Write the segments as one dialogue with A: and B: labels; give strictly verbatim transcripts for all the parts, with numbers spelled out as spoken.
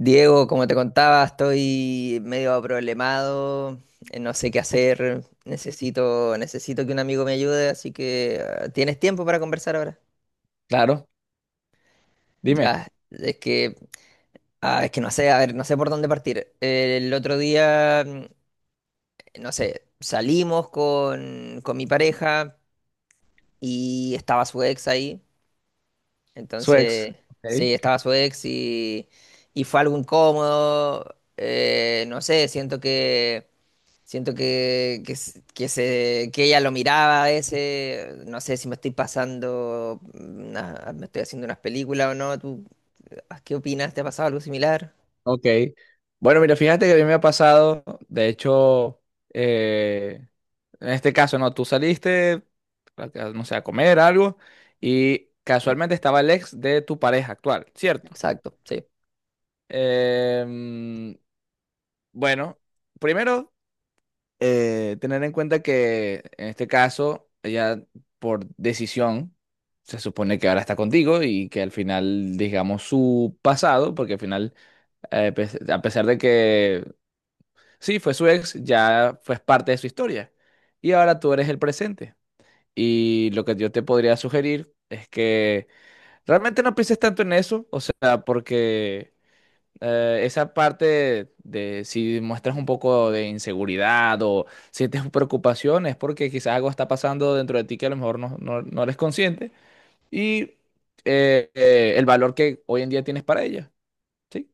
A: Diego, como te contaba, estoy medio problemado, eh, no sé qué hacer, necesito, necesito que un amigo me ayude, así que ah, ¿tienes tiempo para conversar ahora?
B: Claro, dime,
A: Ya, es que, ah, es que no sé, a ver, no sé por dónde partir. Eh, El otro día, mm, no sé, salimos con, con mi pareja y estaba su ex ahí,
B: su ex.
A: entonces,
B: Ok,
A: sí, estaba su ex y, y fue algo incómodo, eh, no sé, siento que Siento que, que, s- que se, que ella lo miraba a veces, no sé si me estoy pasando, una- me estoy haciendo unas películas o no, ¿tú ah, qué opinas? ¿Te ha pasado algo similar?
B: ok. Bueno, mira, fíjate que a mí me ha pasado, de hecho, eh, en este caso, no, tú saliste, a- a- no sé, a comer algo y
A: Sí,
B: casualmente estaba el ex de tu pareja actual, ¿cierto?
A: exacto, sí.
B: Em, bueno, primero, eh, tener en cuenta que en este caso, ella por decisión, se supone que ahora está contigo y que al final, digamos, su pasado, porque al final, eh, pues, a pesar de que sí, fue su ex, ya fue parte de su historia. Y ahora tú eres el presente. Y lo que yo te podría sugerir es que realmente no pienses tanto en eso, o sea, porque eh, esa parte de si muestras un poco de inseguridad o sientes preocupación es porque quizás algo está pasando dentro de ti que a lo mejor no, no, no eres consciente. Y eh, eh, el valor que hoy en día tienes para ella. ¿Sí?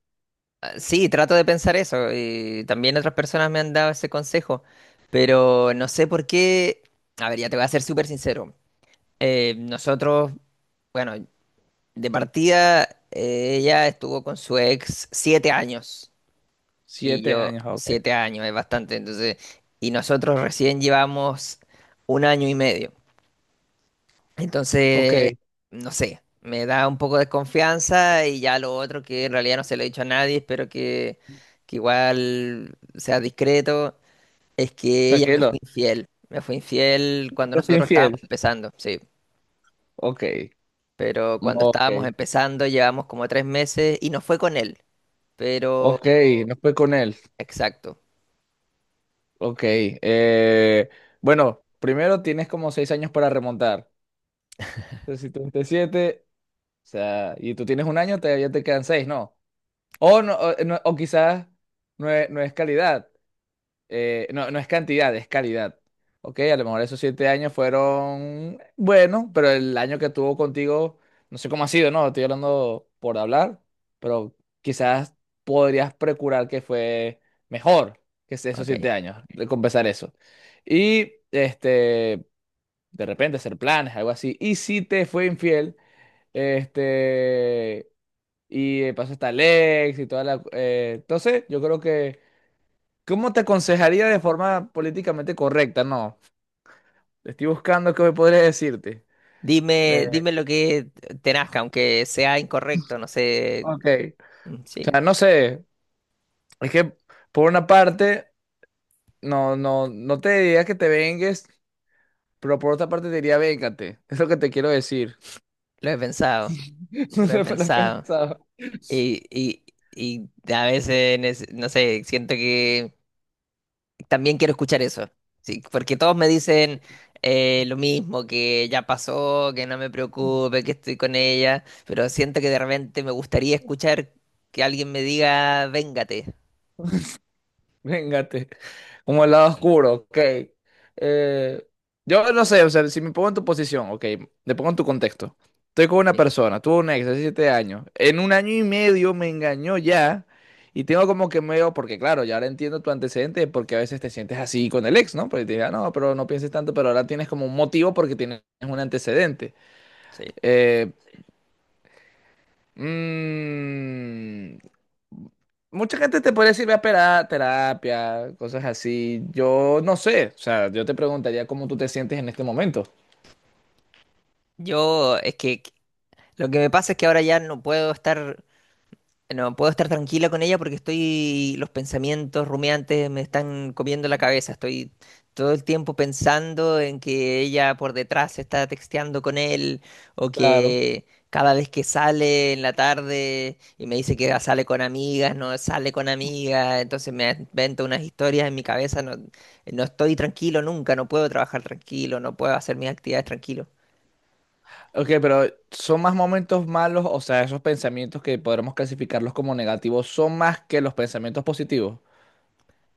A: Ah, Sí, trato de pensar eso y también otras personas me han dado ese consejo, pero no sé por qué, a ver, ya te voy a ser súper sincero. Eh, nosotros, bueno, de partida, eh, ella estuvo con su ex siete años. Y
B: Siete
A: yo
B: años, ok.
A: siete años, es bastante. Entonces, y nosotros recién llevamos un año y medio.
B: Ok.
A: Entonces, no sé, me da un poco de confianza. Y ya lo otro, que en realidad no se lo he dicho a nadie, espero que, que igual sea discreto, es que ella me fue
B: Tranquilo,
A: infiel. Me fue infiel cuando
B: te fui
A: nosotros estábamos
B: infiel.
A: empezando, sí.
B: Ok,
A: Pero cuando
B: ok,
A: estábamos empezando, llevamos como tres meses y no fue con él. Pero,
B: ok, no fue con él.
A: exacto,
B: Ok, eh, bueno, primero tienes como seis años para remontar. Entonces, si treinta y siete, o sea, y tú tienes un año, te, ya te quedan seis, ¿no? O, no, o, no- o quizás no es, no es calidad. Eh, no, no es cantidad, es calidad. Ok, a lo mejor esos siete años fueron buenos, pero el año que tuvo contigo, no sé cómo ha sido, ¿no? Estoy hablando por hablar, pero quizás podrías procurar que fue mejor que ese- esos
A: ok.
B: siete años, recompensar eso. Y este, de repente hacer planes, algo así. Y si te fue infiel, este, y eh, pasó hasta el ex y toda la, eh, entonces, yo creo que. ¿Cómo te aconsejaría de forma políticamente correcta? No, estoy buscando qué me podría decirte. Eh,
A: Dime, dime lo que te nazca, aunque sea incorrecto, no sé.
B: ok,
A: mm,
B: o
A: Sí,
B: sea, no sé, es que por una parte, no, no, no te diría que te vengues, pero por otra parte te diría véngate, es lo que te quiero decir.
A: lo he pensado,
B: No
A: lo he
B: sé, lo he
A: pensado.
B: pensado.
A: Y, y, y a veces, nece- no sé, siento que también quiero escuchar eso. Sí, porque todos me dicen eh, lo mismo, que ya pasó, que no me preocupe, que estoy con ella, pero siento que de repente me gustaría escuchar que alguien me diga, véngate.
B: Véngate, como el lado oscuro, ok. Eh, yo no sé, o sea, si me pongo en tu posición, ok, te pongo en tu contexto. Estoy con una
A: Sí.
B: persona, tuve un ex hace siete años, en un año y medio me engañó ya, y tengo como que medio, porque claro, ya ahora entiendo tu antecedente, porque a veces te sientes así con el ex, ¿no? Porque te diga, no, pero no pienses tanto, pero ahora tienes como un motivo porque tienes un antecedente.
A: Sí.
B: Eh, Mm, mucha gente te puede decir, ve a pera- terapia, cosas así. Yo no sé, o sea, yo te preguntaría cómo tú te sientes en este momento.
A: Yo, es que lo que me pasa es que ahora ya no puedo estar. No puedo estar tranquila con ella porque estoy, los pensamientos rumiantes me están comiendo la cabeza. Estoy todo el tiempo pensando en que ella por detrás está texteando con él, o
B: Claro.
A: que cada vez que sale en la tarde y me dice que sale con amigas, no sale con amigas, entonces me invento unas historias en mi cabeza. No, no estoy tranquilo nunca, no puedo trabajar tranquilo, no puedo hacer mis actividades tranquilo.
B: Ok, pero ¿son más momentos malos? O sea, esos pensamientos que podremos clasificarlos como negativos son más que los pensamientos positivos.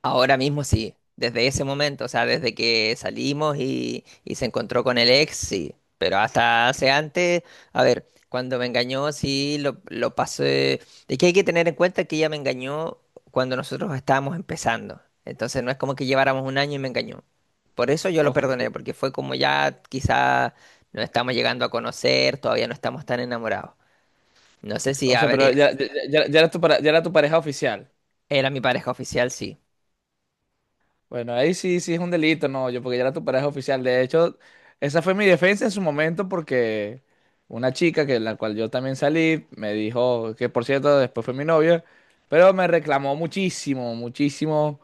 A: Ahora mismo sí, desde ese momento, o sea, desde que salimos y, y se encontró con el ex, sí, pero hasta hace antes, a ver, cuando me engañó, sí, lo, lo pasé, es que hay que tener en cuenta que ella me engañó cuando nosotros estábamos empezando, entonces no es como que lleváramos un año y me engañó, por eso yo lo
B: Ok, pe-
A: perdoné, porque fue como ya quizá nos estamos llegando a conocer, todavía no estamos tan enamorados, no sé si,
B: o
A: a
B: sea,
A: ver,
B: pero ya, ya, ya- ya era tu, para- ya era tu pareja oficial.
A: era mi pareja oficial, sí,
B: Bueno, ahí sí, sí es un delito, no, yo porque ya era tu pareja oficial. De hecho, esa fue mi defensa en su momento porque una chica que la cual yo también salí me dijo que por cierto después fue mi novia, pero me reclamó muchísimo, muchísimo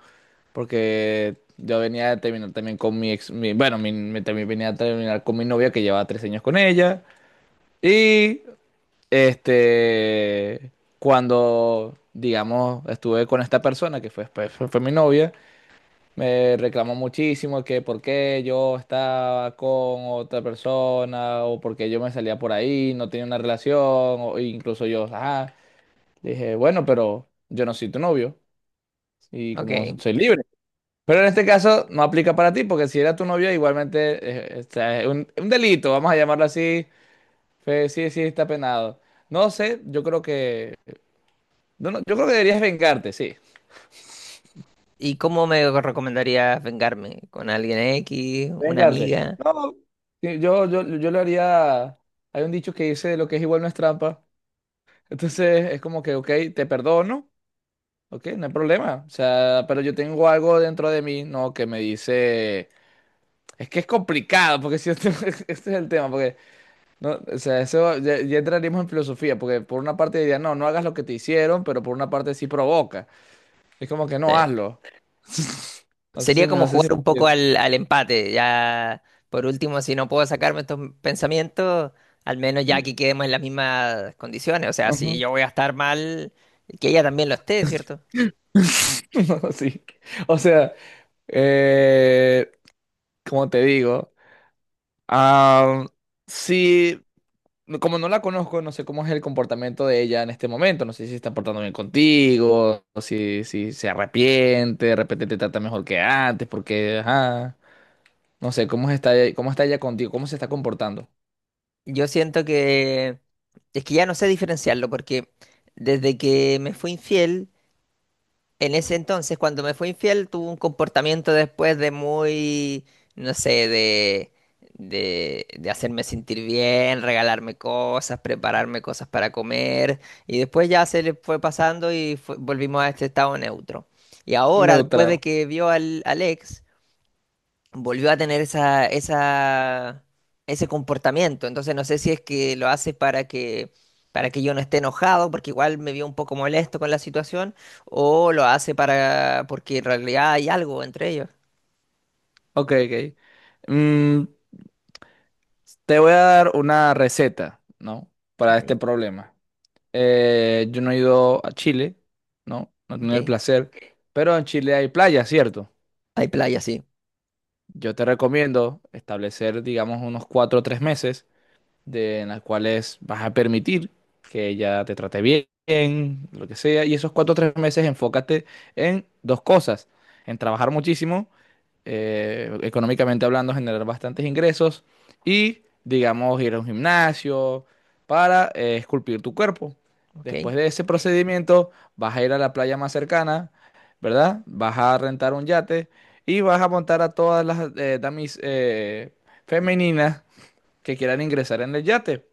B: porque yo venía de terminar también con mi ex, mi- bueno, mi- me también venía a terminar con mi novia que llevaba tres años con ella y este cuando digamos estuve con esta persona que fue después fue fue mi novia me reclamó muchísimo que por qué yo estaba con otra persona o por qué yo me salía por ahí, no tenía una relación, o incluso yo, ajá, le dije, bueno, pero yo no soy tu novio y como
A: ok.
B: soy libre. Pero en este caso no aplica para ti, porque si era tu novio, igualmente eh, eh, o sea, es un, un delito, vamos a llamarlo así. Fe- sí, sí, está penado. No sé, yo creo que. No, no, yo creo que deberías vengarte, sí.
A: ¿Y cómo me recomendarías vengarme? ¿Con alguien X? ¿Una
B: Vengarte.
A: amiga?
B: No, sí, yo, yo, yo lo haría. Hay un dicho que dice lo que es igual no es trampa. Entonces es como que, ok, te perdono, ok, no hay problema. O sea, pero yo tengo algo dentro de mí, ¿no? Que me dice. Es que es complicado, porque si este, este es el tema, porque, no, o sea, eso ya, ya entraríamos en filosofía, porque por una parte diría, no, no hagas lo que te hicieron, pero por una parte sí provoca. Es como que no
A: Te-
B: hazlo. No sé si
A: Sería
B: me,
A: como
B: no sé
A: jugar
B: si.
A: un
B: me
A: poco
B: entiendes.
A: al, al empate. Ya, por último, si no puedo sacarme estos pensamientos, al menos ya que quedemos en las mismas condiciones. O sea, si
B: Ujú.
A: yo voy a estar mal, que ella también lo esté, ¿cierto?
B: No, sí. O sea. Eh, como te digo, am, sí, no, como no la conozco, no sé cómo es el comportamiento de ella en este momento. No sé si se está portando bien contigo, o si, si se arrepiente, de repente te trata mejor que antes, porque, ajá, no sé cómo está, cómo está ella contigo, cómo se está comportando.
A: Yo siento que es que ya no sé diferenciarlo porque desde que me fue infiel. En ese entonces, cuando me fue infiel, tuvo un comportamiento después de muy, no sé, de, de, de hacerme sentir bien, regalarme cosas, prepararme cosas para comer, y después ya se le fue pasando y fue- volvimos a este estado neutro. Y ahora, después de
B: Neutral.
A: que vio al, al ex, volvió a tener esa, esa, ese comportamiento. Entonces no sé si es que lo hace para que, para que yo no esté enojado, porque igual me vio un poco molesto con la situación, o lo hace para, porque en realidad hay algo entre ellos.
B: Ok, ok. Mm, Te voy a dar una receta, ¿no? Para
A: Ok,
B: este problema. Eh, yo no he ido a Chile, ¿no? No he tenido el
A: ok.
B: placer, pero en Chile hay playa, ¿cierto?
A: Hay playa, sí.
B: Yo te recomiendo establecer, digamos, unos cuatro o tres meses de, en las cuales vas a permitir que ella te trate bien, lo que sea. Y esos cuatro o tres meses enfócate en dos cosas, en trabajar muchísimo, eh, económicamente hablando, generar bastantes ingresos y, digamos, ir a un gimnasio para eh, esculpir tu cuerpo.
A: Ok.
B: Después de ese procedimiento, vas a ir a la playa más cercana, ¿verdad? Vas a rentar un yate y vas a montar a todas las eh, damis eh, femeninas que quieran ingresar en el yate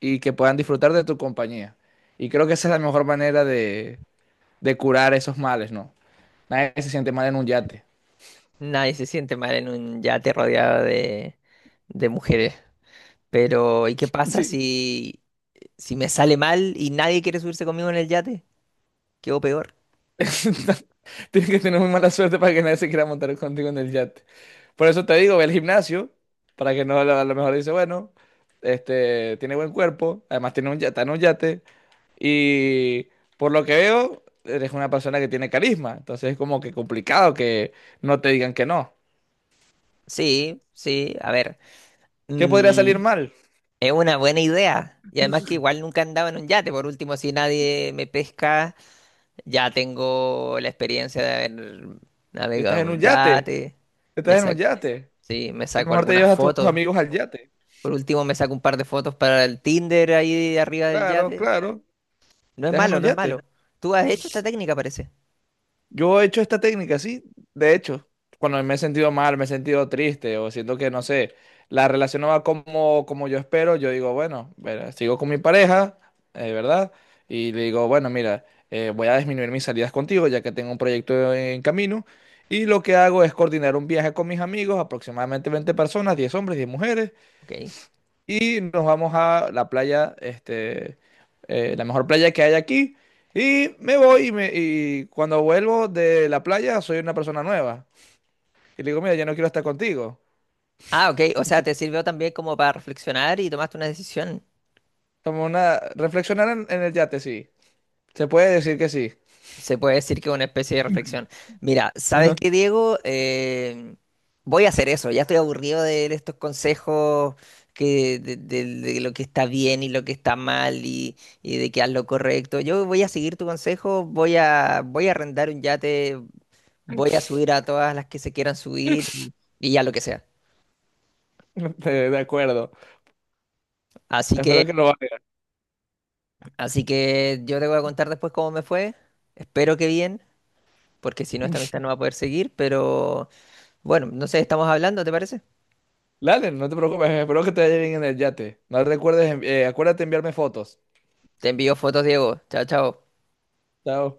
B: y que puedan disfrutar de tu compañía. Y creo que esa es la mejor manera de, de curar esos males, ¿no? Nadie se siente mal en un yate.
A: Nadie se siente mal en un yate rodeado de, de mujeres. Pero, ¿y qué pasa
B: Sí.
A: si, si me sale mal y nadie quiere subirse conmigo en el yate? Quedo peor.
B: Tienes que tener muy mala suerte para que nadie se quiera montar contigo en el yate. Por eso te digo, ve al gimnasio, para que no a lo a lo mejor dice, bueno, este, tiene buen cuerpo, además tiene un yate, está en un yate, y por lo que veo, eres una persona que tiene carisma, entonces es como que complicado que no te digan que no.
A: Sí, sí, a ver.
B: ¿Qué podría
A: mm,
B: salir mal?
A: Es una buena idea. Y además que igual nunca andaba en un yate. Por último, si nadie me pesca, ya tengo la experiencia de haber
B: Estás en
A: navegado en
B: un
A: un
B: yate,
A: yate. Me
B: estás en un
A: saco,
B: yate.
A: sí, me
B: A lo
A: saco
B: mejor te
A: algunas
B: llevas a tus
A: fotos.
B: amigos al yate.
A: Por último, me saco un par de fotos para el Tinder ahí de arriba del
B: Claro,
A: yate.
B: claro,
A: No es
B: estás en
A: malo,
B: un
A: no es
B: yate.
A: malo. Tú has hecho esta técnica, parece.
B: Yo he hecho esta técnica, sí, de hecho, cuando me he sentido mal, me he sentido triste o siento que, no sé, la relación no va como, como yo espero, yo digo, bueno, verá, sigo con mi pareja, eh, ¿verdad? Y le digo, bueno, mira, eh, voy a disminuir mis salidas contigo ya que tengo un proyecto en camino. Y lo que hago es coordinar un viaje con mis amigos, aproximadamente veinte personas, diez hombres, diez mujeres.
A: Ok.
B: Y nos vamos a la playa, este, eh, la mejor playa que hay aquí. Y me voy y, me- y cuando vuelvo de la playa soy una persona nueva. Y le digo, mira, ya no quiero estar contigo.
A: Ah, ok. O sea, te sirvió también como para reflexionar y tomaste una decisión.
B: Como una, reflexionar en, en el yate, sí. Se puede decir que sí.
A: Se puede decir que es una especie de reflexión. Mira, ¿sabes
B: Ajá.
A: qué, Diego? Eh, voy a hacer eso. Ya estoy aburrido de estos consejos que, de, de- de lo que está bien y lo que está mal, y, y de que haz lo correcto. Yo voy a seguir tu consejo, voy a, voy a arrendar un yate, voy a subir a todas las que se quieran subir y, y ya lo que sea.
B: De, de acuerdo.
A: Así que,
B: Espero que lo valga.
A: así que yo te voy a contar después cómo me fue. Espero que bien, porque si no, esta amistad no va a poder seguir. Pero bueno, no sé, estamos hablando, ¿te parece?
B: Dale, no te preocupes. Espero que te vaya bien en el yate. No recuerdes, envi- eh, acuérdate de enviarme fotos.
A: Te envío fotos, Diego. Chao, chao.
B: Chao.